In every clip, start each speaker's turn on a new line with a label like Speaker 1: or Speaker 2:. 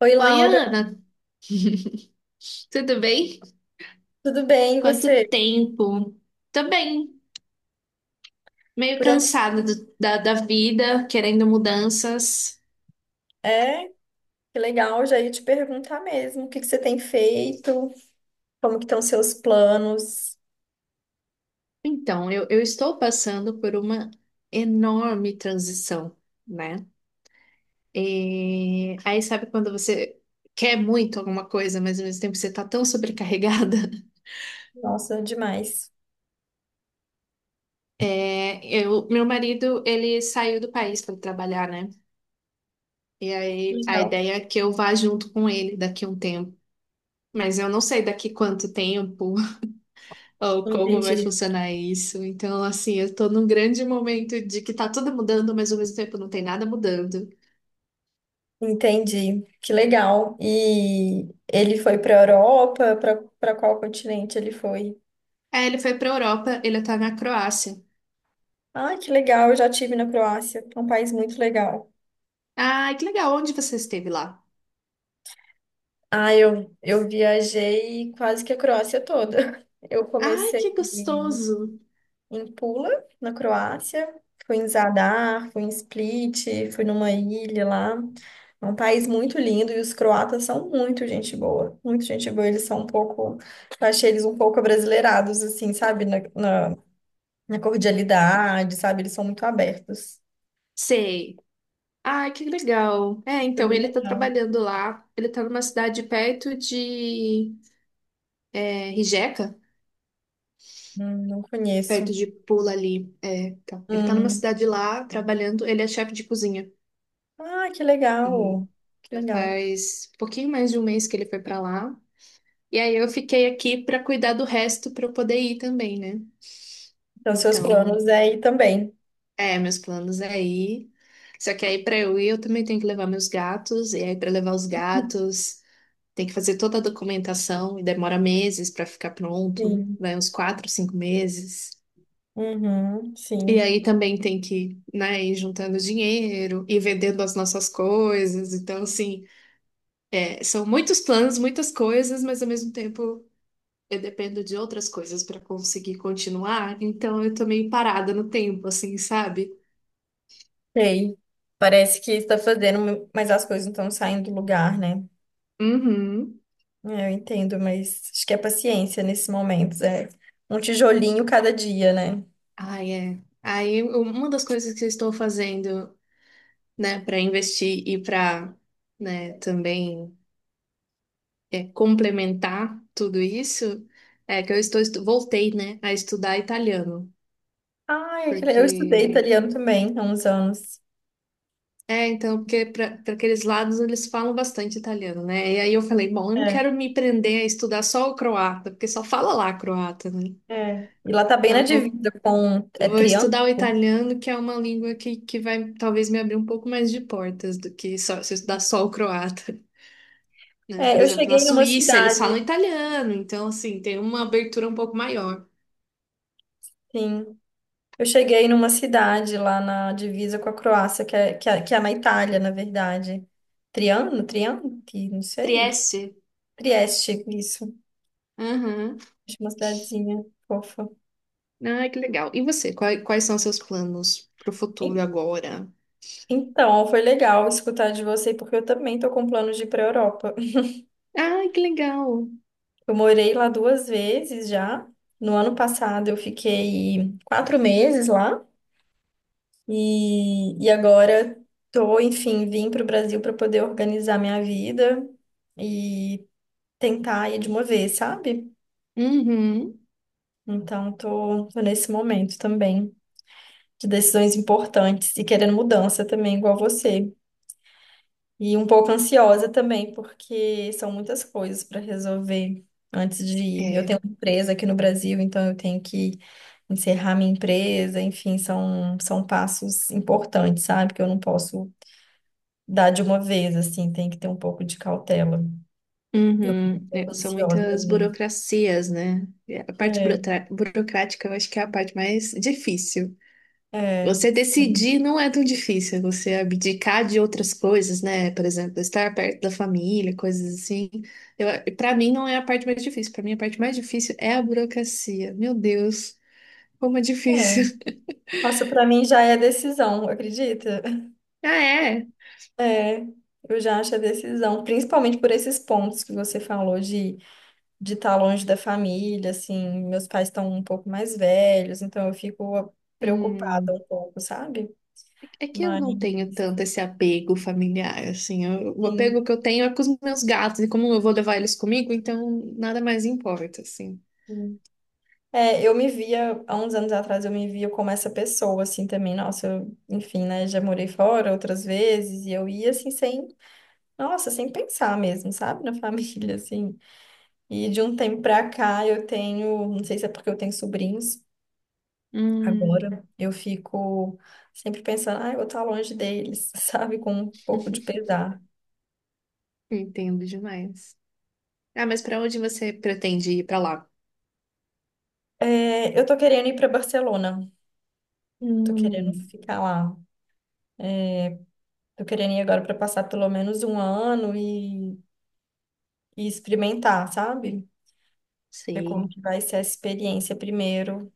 Speaker 1: Oi,
Speaker 2: Oi,
Speaker 1: Laura,
Speaker 2: Ana, tudo bem?
Speaker 1: tudo bem? E
Speaker 2: Quanto
Speaker 1: você?
Speaker 2: tempo? Tô bem, meio
Speaker 1: Por onde?
Speaker 2: cansada da vida, querendo mudanças.
Speaker 1: É, que legal, já ia te perguntar mesmo, o que que você tem feito? Como que estão seus planos?
Speaker 2: Então, eu estou passando por uma enorme transição, né? E aí, sabe quando você quer muito alguma coisa, mas ao mesmo tempo você tá tão sobrecarregada?
Speaker 1: Nossa, demais.
Speaker 2: É, meu marido, ele saiu do país para trabalhar, né? E aí, a
Speaker 1: Legal.
Speaker 2: ideia é que eu vá junto com ele daqui a um tempo. Mas eu não sei daqui quanto tempo, ou como vai
Speaker 1: Entendi.
Speaker 2: funcionar isso. Então, assim, eu tô num grande momento de que tá tudo mudando, mas ao mesmo tempo não tem nada mudando.
Speaker 1: Entendi. Que legal. E ele foi para a Europa? Para qual continente ele foi?
Speaker 2: Aí ele foi pra Europa, ele tá na Croácia.
Speaker 1: Ah, que legal, eu já tive na Croácia. É um país muito legal.
Speaker 2: Ai, que legal, onde você esteve lá?
Speaker 1: Ah, eu viajei quase que a Croácia toda. Eu
Speaker 2: Ai,
Speaker 1: comecei
Speaker 2: que gostoso.
Speaker 1: em Pula, na Croácia. Fui em Zadar, fui em Split, fui numa ilha lá. É um país muito lindo e os croatas são muito gente boa. Muito gente boa. Eles são um pouco. Eu achei eles um pouco abrasileirados, assim, sabe? Na, na cordialidade, sabe? Eles são muito abertos.
Speaker 2: Sei. Ai, que legal. É,
Speaker 1: Foi
Speaker 2: então
Speaker 1: bem
Speaker 2: ele tá
Speaker 1: legal.
Speaker 2: trabalhando lá. Ele tá numa cidade perto de Rijeka,
Speaker 1: Não
Speaker 2: perto
Speaker 1: conheço.
Speaker 2: de Pula ali. É, tá. Ele tá numa
Speaker 1: Hum.
Speaker 2: cidade lá trabalhando. Ele é chefe de cozinha.
Speaker 1: Ah, que
Speaker 2: E
Speaker 1: legal. Que
Speaker 2: já
Speaker 1: legal.
Speaker 2: faz um pouquinho mais de um mês que ele foi pra lá. E aí eu fiquei aqui para cuidar do resto para eu poder ir também, né?
Speaker 1: Então, seus
Speaker 2: Então,
Speaker 1: planos é ir também.
Speaker 2: é, meus planos é ir. Só que aí para eu ir, eu também tenho que levar meus gatos, e aí para levar os gatos, tem que fazer toda a documentação e demora meses para ficar pronto,
Speaker 1: Sim.
Speaker 2: vai uns quatro, cinco meses.
Speaker 1: Uhum,
Speaker 2: E
Speaker 1: sim.
Speaker 2: aí também tem que, né, ir juntando dinheiro e vendendo as nossas coisas. Então, assim, é, são muitos planos, muitas coisas, mas ao mesmo tempo eu dependo de outras coisas para conseguir continuar, então eu tô meio parada no tempo, assim, sabe?
Speaker 1: Sei. Parece que está fazendo, mas as coisas não estão saindo do lugar, né?
Speaker 2: Uhum.
Speaker 1: É, eu entendo, mas acho que é paciência nesses momentos. É um tijolinho cada dia, né?
Speaker 2: Ai, é. Aí um, uma das coisas que eu estou fazendo, né, para investir e para, né, também é, complementar tudo isso, é que voltei, né, a estudar italiano,
Speaker 1: Ai, eu estudei
Speaker 2: porque
Speaker 1: italiano também há uns anos.
Speaker 2: é, então, porque para aqueles lados eles falam bastante italiano, né? E aí eu falei, bom, eu não
Speaker 1: É,
Speaker 2: quero me prender a estudar só o croata, porque só fala lá croata, né?
Speaker 1: é. E lá tá bem na
Speaker 2: Então,
Speaker 1: divisa com é
Speaker 2: vou
Speaker 1: Triano?
Speaker 2: estudar o italiano, que é uma língua que vai talvez me abrir um pouco mais de portas do que só, se eu estudar só o croata, né?
Speaker 1: É,
Speaker 2: Por
Speaker 1: eu
Speaker 2: exemplo, na
Speaker 1: cheguei numa
Speaker 2: Suíça eles falam
Speaker 1: cidade,
Speaker 2: italiano, então, assim, tem uma abertura um pouco maior.
Speaker 1: sim. Eu cheguei numa cidade lá na divisa com a Croácia, que é na Itália, na verdade. Triano? Triano? Não sei.
Speaker 2: Trieste.
Speaker 1: Trieste, isso.
Speaker 2: Aham.
Speaker 1: De uma cidadezinha fofa.
Speaker 2: Ah, que legal. E você, quais são seus planos pro futuro
Speaker 1: En-
Speaker 2: agora?
Speaker 1: Então, foi legal escutar de você, porque eu também tô com planos de ir para a Europa.
Speaker 2: Ah, que legal.
Speaker 1: Eu morei lá 2 vezes já. No ano passado eu fiquei 4 meses lá e agora tô, enfim, vim para o Brasil para poder organizar minha vida e tentar ir de uma vez, sabe?
Speaker 2: Uhum.
Speaker 1: Então, tô nesse momento também de decisões importantes e querendo mudança também, igual você. E um pouco ansiosa também, porque são muitas coisas para resolver antes de ir. Eu
Speaker 2: É.
Speaker 1: tenho uma empresa aqui no Brasil, então eu tenho que encerrar minha empresa, enfim, são passos importantes, sabe? Que eu não posso dar de uma vez, assim, tem que ter um pouco de cautela. Eu fico um
Speaker 2: Uhum. É,
Speaker 1: pouco
Speaker 2: são
Speaker 1: ansiosa às
Speaker 2: muitas
Speaker 1: vezes.
Speaker 2: burocracias, né? E a parte
Speaker 1: É,
Speaker 2: burocrática eu acho que é a parte mais difícil.
Speaker 1: é,
Speaker 2: Você
Speaker 1: sim.
Speaker 2: decidir não é tão difícil, é você abdicar de outras coisas, né? Por exemplo, estar perto da família, coisas assim. Eu, Para mim não é a parte mais difícil. Para mim a parte mais difícil é a burocracia. Meu Deus, como é
Speaker 1: É.
Speaker 2: difícil.
Speaker 1: Nossa, para mim já é decisão, acredita?
Speaker 2: Ah, é.
Speaker 1: É, eu já acho a decisão, principalmente por esses pontos que você falou de estar longe da família, assim, meus pais estão um pouco mais velhos, então eu fico preocupada um
Speaker 2: Hum,
Speaker 1: pouco, sabe?
Speaker 2: é que eu
Speaker 1: Mas,
Speaker 2: não tenho tanto esse apego familiar, assim. Eu- o apego
Speaker 1: sim.
Speaker 2: que eu tenho é com os meus gatos e como eu vou levar eles comigo, então nada mais importa, assim.
Speaker 1: Sim. É, eu me via, há uns anos atrás, eu me via como essa pessoa, assim, também. Nossa, eu, enfim, né, já morei fora outras vezes e eu ia, assim, sem, nossa, sem pensar mesmo, sabe? Na família, assim. E de um tempo pra cá eu tenho, não sei se é porque eu tenho sobrinhos,
Speaker 2: Hum,
Speaker 1: agora eu fico sempre pensando, ah, eu vou estar longe deles, sabe? Com um pouco de pesar.
Speaker 2: entendo demais. Ah, mas para onde você pretende ir para lá?
Speaker 1: É, eu tô querendo ir para Barcelona, tô querendo
Speaker 2: Hum,
Speaker 1: ficar lá. Tô querendo ir agora para passar pelo menos um ano e experimentar, sabe? Ver como
Speaker 2: sei,
Speaker 1: que vai ser a experiência primeiro,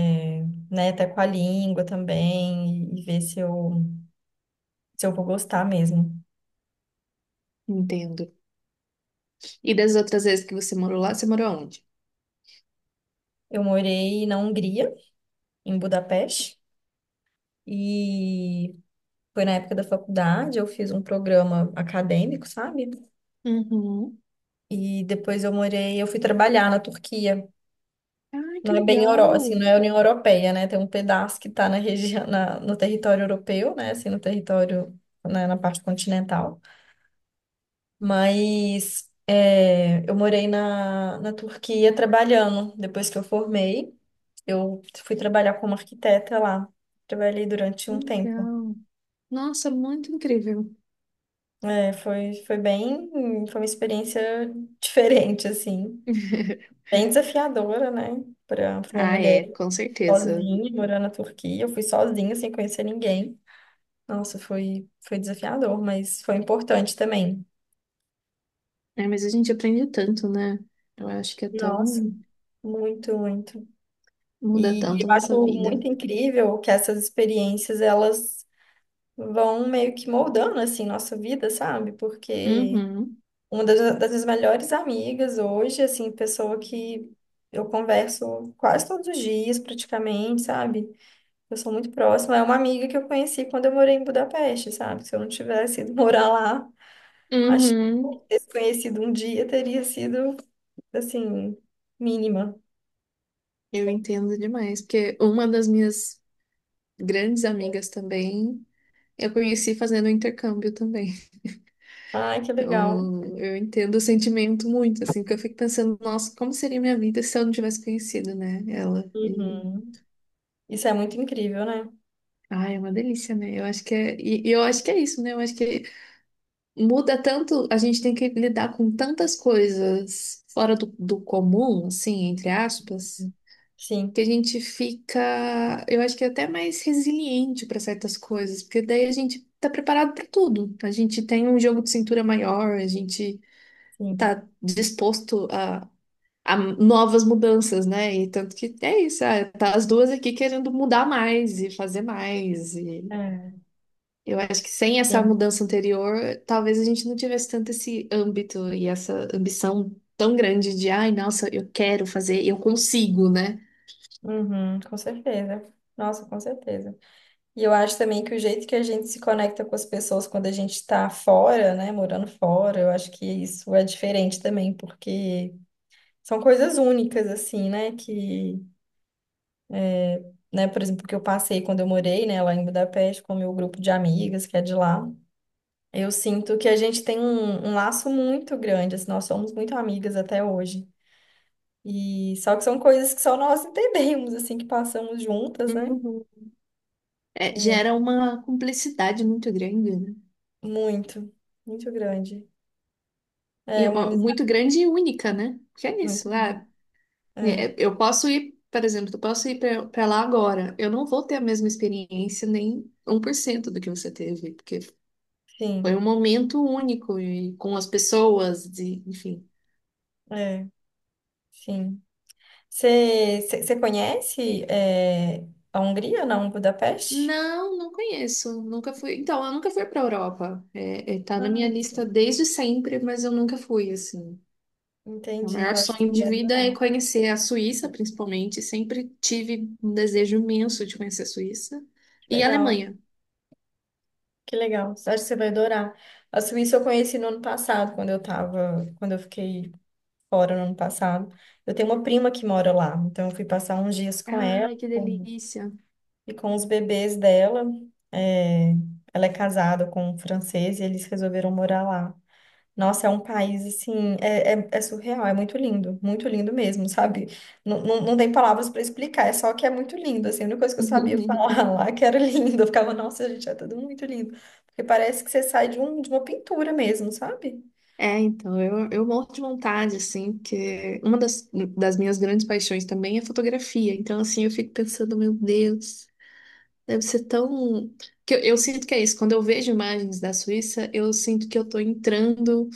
Speaker 1: é, né? Até com a língua também, e ver se eu vou gostar mesmo.
Speaker 2: entendo. E das outras vezes que você morou lá, você morou onde?
Speaker 1: Eu morei na Hungria, em Budapeste, e foi na época da faculdade, eu fiz um programa acadêmico, sabe?
Speaker 2: Uhum.
Speaker 1: E depois eu morei, eu fui trabalhar na Turquia.
Speaker 2: Ah, que
Speaker 1: Não é bem Euro, assim,
Speaker 2: legal,
Speaker 1: não é União Europeia, né? Tem um pedaço que está na região, no território europeu, né? Assim, no território, né, na parte continental. Mas é, eu morei na Turquia trabalhando. Depois que eu formei, eu fui trabalhar como arquiteta lá. Trabalhei durante
Speaker 2: que
Speaker 1: um tempo.
Speaker 2: legal. Nossa, muito incrível.
Speaker 1: É, foi bem, foi uma experiência diferente, assim. Bem desafiadora, né? Para uma
Speaker 2: Ah,
Speaker 1: mulher
Speaker 2: é, com certeza.
Speaker 1: sozinha, morando na Turquia. Eu fui sozinha, sem conhecer ninguém. Nossa, foi desafiador, mas foi importante também.
Speaker 2: É, mas a gente aprende tanto, né? Eu acho que é
Speaker 1: Nossa,
Speaker 2: tão...
Speaker 1: muito, muito.
Speaker 2: muda
Speaker 1: E
Speaker 2: tanto a
Speaker 1: eu
Speaker 2: nossa
Speaker 1: acho
Speaker 2: vida.
Speaker 1: muito incrível que essas experiências, elas vão meio que moldando, assim, nossa vida, sabe? Porque
Speaker 2: Uhum.
Speaker 1: uma das minhas melhores amigas hoje, assim, pessoa que eu converso quase todos os dias, praticamente, sabe? Eu sou muito próxima. É uma amiga que eu conheci quando eu morei em Budapeste, sabe? Se eu não tivesse ido morar lá, acho que
Speaker 2: Uhum.
Speaker 1: ter se conhecido um dia teria sido, assim, mínima.
Speaker 2: Eu entendo demais, porque uma das minhas grandes amigas também, eu conheci fazendo intercâmbio também.
Speaker 1: Ai, que legal.
Speaker 2: Então, eu entendo o sentimento muito, assim, porque eu fico pensando, nossa, como seria minha vida se eu não tivesse conhecido, né, ela. E,
Speaker 1: Uhum. Isso é muito incrível, né?
Speaker 2: ai, é uma delícia, né? Eu acho que é, e eu acho que é isso, né? Eu acho que muda tanto, a gente tem que lidar com tantas coisas fora do, do comum, assim, entre aspas,
Speaker 1: Sim,
Speaker 2: que a gente fica, eu acho que é até mais resiliente para certas coisas, porque daí a gente tá preparado para tudo. A gente tem um jogo de cintura maior, a gente
Speaker 1: sim.
Speaker 2: tá disposto a novas mudanças, né? E tanto que é isso, ah, tá as duas aqui querendo mudar mais e fazer mais. E
Speaker 1: É,
Speaker 2: eu acho que sem essa
Speaker 1: sim.
Speaker 2: mudança anterior, talvez a gente não tivesse tanto esse âmbito e essa ambição tão grande de, ai, nossa, eu quero fazer, eu consigo, né?
Speaker 1: Uhum, com certeza. Nossa, com certeza. E eu acho também que o jeito que a gente se conecta com as pessoas quando a gente está fora, né? Morando fora, eu acho que isso é diferente também, porque. São coisas únicas, assim, né? Que, né, por exemplo, que eu passei quando eu morei, né, lá em Budapeste com o meu grupo de amigas, que é de lá. Eu sinto que a gente tem um laço muito grande, assim, nós somos muito amigas até hoje. E só que são coisas que só nós entendemos, assim, que passamos juntas, né?
Speaker 2: Uhum. É, gera uma cumplicidade muito grande, né?
Speaker 1: Muito, muito grande.
Speaker 2: E,
Speaker 1: É uma
Speaker 2: ó, muito
Speaker 1: amizade
Speaker 2: grande e única, né? Porque é
Speaker 1: muito.
Speaker 2: isso, ah,
Speaker 1: É,
Speaker 2: é, eu posso ir, por exemplo, eu posso ir para lá agora. Eu não vou ter a mesma experiência, nem 1% do que você teve, porque foi
Speaker 1: sim,
Speaker 2: um momento único e com as pessoas, de, enfim.
Speaker 1: é, sim. Você conhece é, a Hungria, não? Budapeste?
Speaker 2: Não, não conheço. Nunca fui. Então, eu nunca fui para Europa. Tá na minha
Speaker 1: Ah,
Speaker 2: lista desde sempre, mas eu nunca fui, assim. O
Speaker 1: entendi,
Speaker 2: maior
Speaker 1: eu acho que você
Speaker 2: sonho de
Speaker 1: vai
Speaker 2: vida é
Speaker 1: adorar.
Speaker 2: conhecer a Suíça, principalmente. Sempre tive um desejo imenso de conhecer a Suíça
Speaker 1: Que
Speaker 2: e a
Speaker 1: legal,
Speaker 2: Alemanha.
Speaker 1: que legal. Acho que você vai adorar. A Suíça eu conheci no ano passado, quando eu tava, quando eu fiquei fora no ano passado. Eu tenho uma prima que mora lá, então eu fui passar uns dias com ela
Speaker 2: Ai, que delícia!
Speaker 1: e com os bebês dela. É, ela é casada com um francês e eles resolveram morar lá. Nossa, é um país assim, é surreal, é muito lindo mesmo, sabe? Não tem palavras para explicar, é só que é muito lindo, assim, a única coisa que eu sabia falar lá que era lindo, eu ficava, nossa, gente, é tudo muito lindo, porque parece que você sai de uma pintura mesmo, sabe?
Speaker 2: É, então, eu morro de vontade, assim, porque uma das minhas grandes paixões também é fotografia. Então, assim, eu fico pensando, meu Deus, deve ser tão. Que eu sinto que é isso. Quando eu vejo imagens da Suíça, eu sinto que eu tô entrando,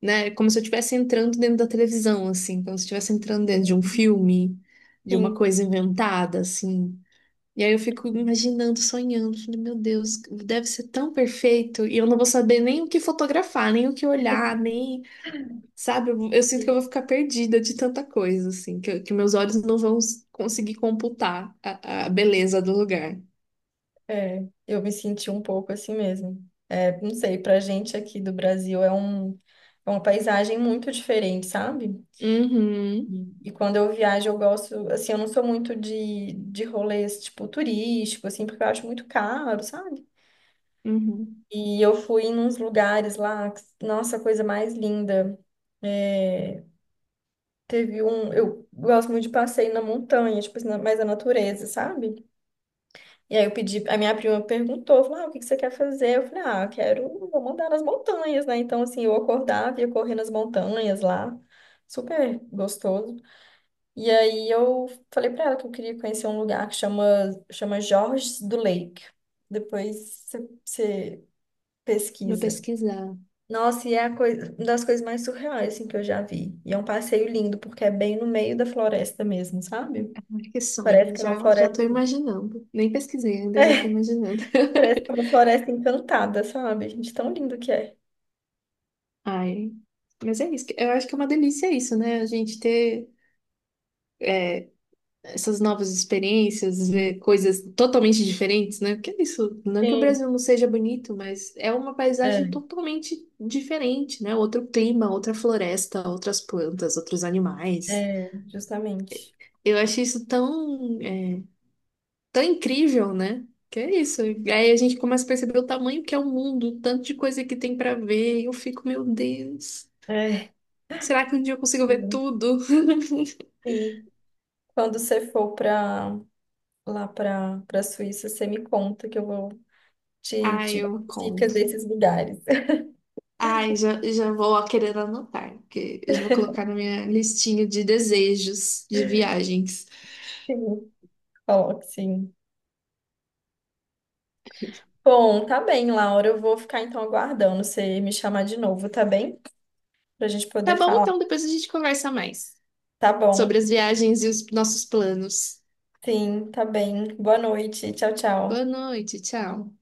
Speaker 2: né? Como se eu estivesse entrando dentro da televisão, assim, como se eu estivesse entrando dentro de um
Speaker 1: Uhum.
Speaker 2: filme, de uma
Speaker 1: Sim,
Speaker 2: coisa inventada, assim. E aí eu fico imaginando, sonhando, falei, meu Deus, deve ser tão perfeito, e eu não vou saber nem o que fotografar, nem o que olhar, nem sabe, eu sinto que
Speaker 1: sim,
Speaker 2: eu vou ficar perdida de tanta coisa, assim, que meus olhos não vão conseguir computar a beleza do lugar.
Speaker 1: é, eu me senti um pouco assim mesmo. É, não sei, pra gente aqui do Brasil é um, é uma paisagem muito diferente, sabe?
Speaker 2: Uhum,
Speaker 1: E quando eu viajo, eu gosto, assim, eu não sou muito de rolês, tipo, turístico, assim, porque eu acho muito caro, sabe?
Speaker 2: uhum.
Speaker 1: E eu fui em uns lugares lá, nossa, a coisa mais linda. É, teve um, eu gosto muito de passeio na montanha, tipo assim, mais na natureza, sabe? E aí eu pedi, a minha prima perguntou, falou, ah, o que que você quer fazer? Eu falei, ah, eu quero, vou mandar nas montanhas, né? Então, assim, eu acordava e ia correr nas montanhas lá, super gostoso. E aí eu falei pra ela que eu queria conhecer um lugar que chama Jorges do Lake. Depois você
Speaker 2: Vou
Speaker 1: pesquisa.
Speaker 2: pesquisar.
Speaker 1: Nossa, e é a coisa, uma das coisas mais surreais assim, que eu já vi. E é um passeio lindo, porque é bem no meio da floresta mesmo, sabe?
Speaker 2: Ai, que
Speaker 1: Parece
Speaker 2: sonho,
Speaker 1: que é uma
Speaker 2: já, já
Speaker 1: floresta,
Speaker 2: tô imaginando. Nem pesquisei ainda, eu já tô imaginando.
Speaker 1: parece que é uma floresta encantada, sabe? Gente, tão lindo que é.
Speaker 2: Ai, mas é isso. Eu acho que é uma delícia isso, né? A gente ter, essas novas experiências, ver coisas totalmente diferentes, né? Porque é isso, não que o
Speaker 1: Sim.
Speaker 2: Brasil não seja bonito, mas é uma paisagem
Speaker 1: É,
Speaker 2: totalmente diferente, né? Outro clima, outra floresta, outras plantas, outros animais.
Speaker 1: é, justamente.
Speaker 2: Eu acho isso tão, é, tão incrível, né? Que é isso. E aí a gente começa a perceber o tamanho que é o mundo, o tanto de coisa que tem pra ver. E eu fico, meu Deus,
Speaker 1: É.
Speaker 2: será que um dia eu consigo ver tudo?
Speaker 1: Sim. Quando você for pra, lá para Suíça, você me conta que eu vou Te,
Speaker 2: Ai,
Speaker 1: te dou
Speaker 2: eu
Speaker 1: dicas
Speaker 2: conto.
Speaker 1: desses lugares.
Speaker 2: Ai, já, já vou ó, querendo anotar, porque eu já vou colocar na minha listinha de desejos de viagens.
Speaker 1: Sim, coloque sim. Bom, tá bem, Laura. Eu vou ficar então aguardando você me chamar de novo, tá bem? Pra gente
Speaker 2: Tá
Speaker 1: poder
Speaker 2: bom,
Speaker 1: falar.
Speaker 2: então depois a gente conversa mais
Speaker 1: Tá
Speaker 2: sobre
Speaker 1: bom.
Speaker 2: as viagens e os nossos planos.
Speaker 1: Sim, tá bem. Boa noite. Tchau,
Speaker 2: Boa
Speaker 1: tchau.
Speaker 2: noite, tchau.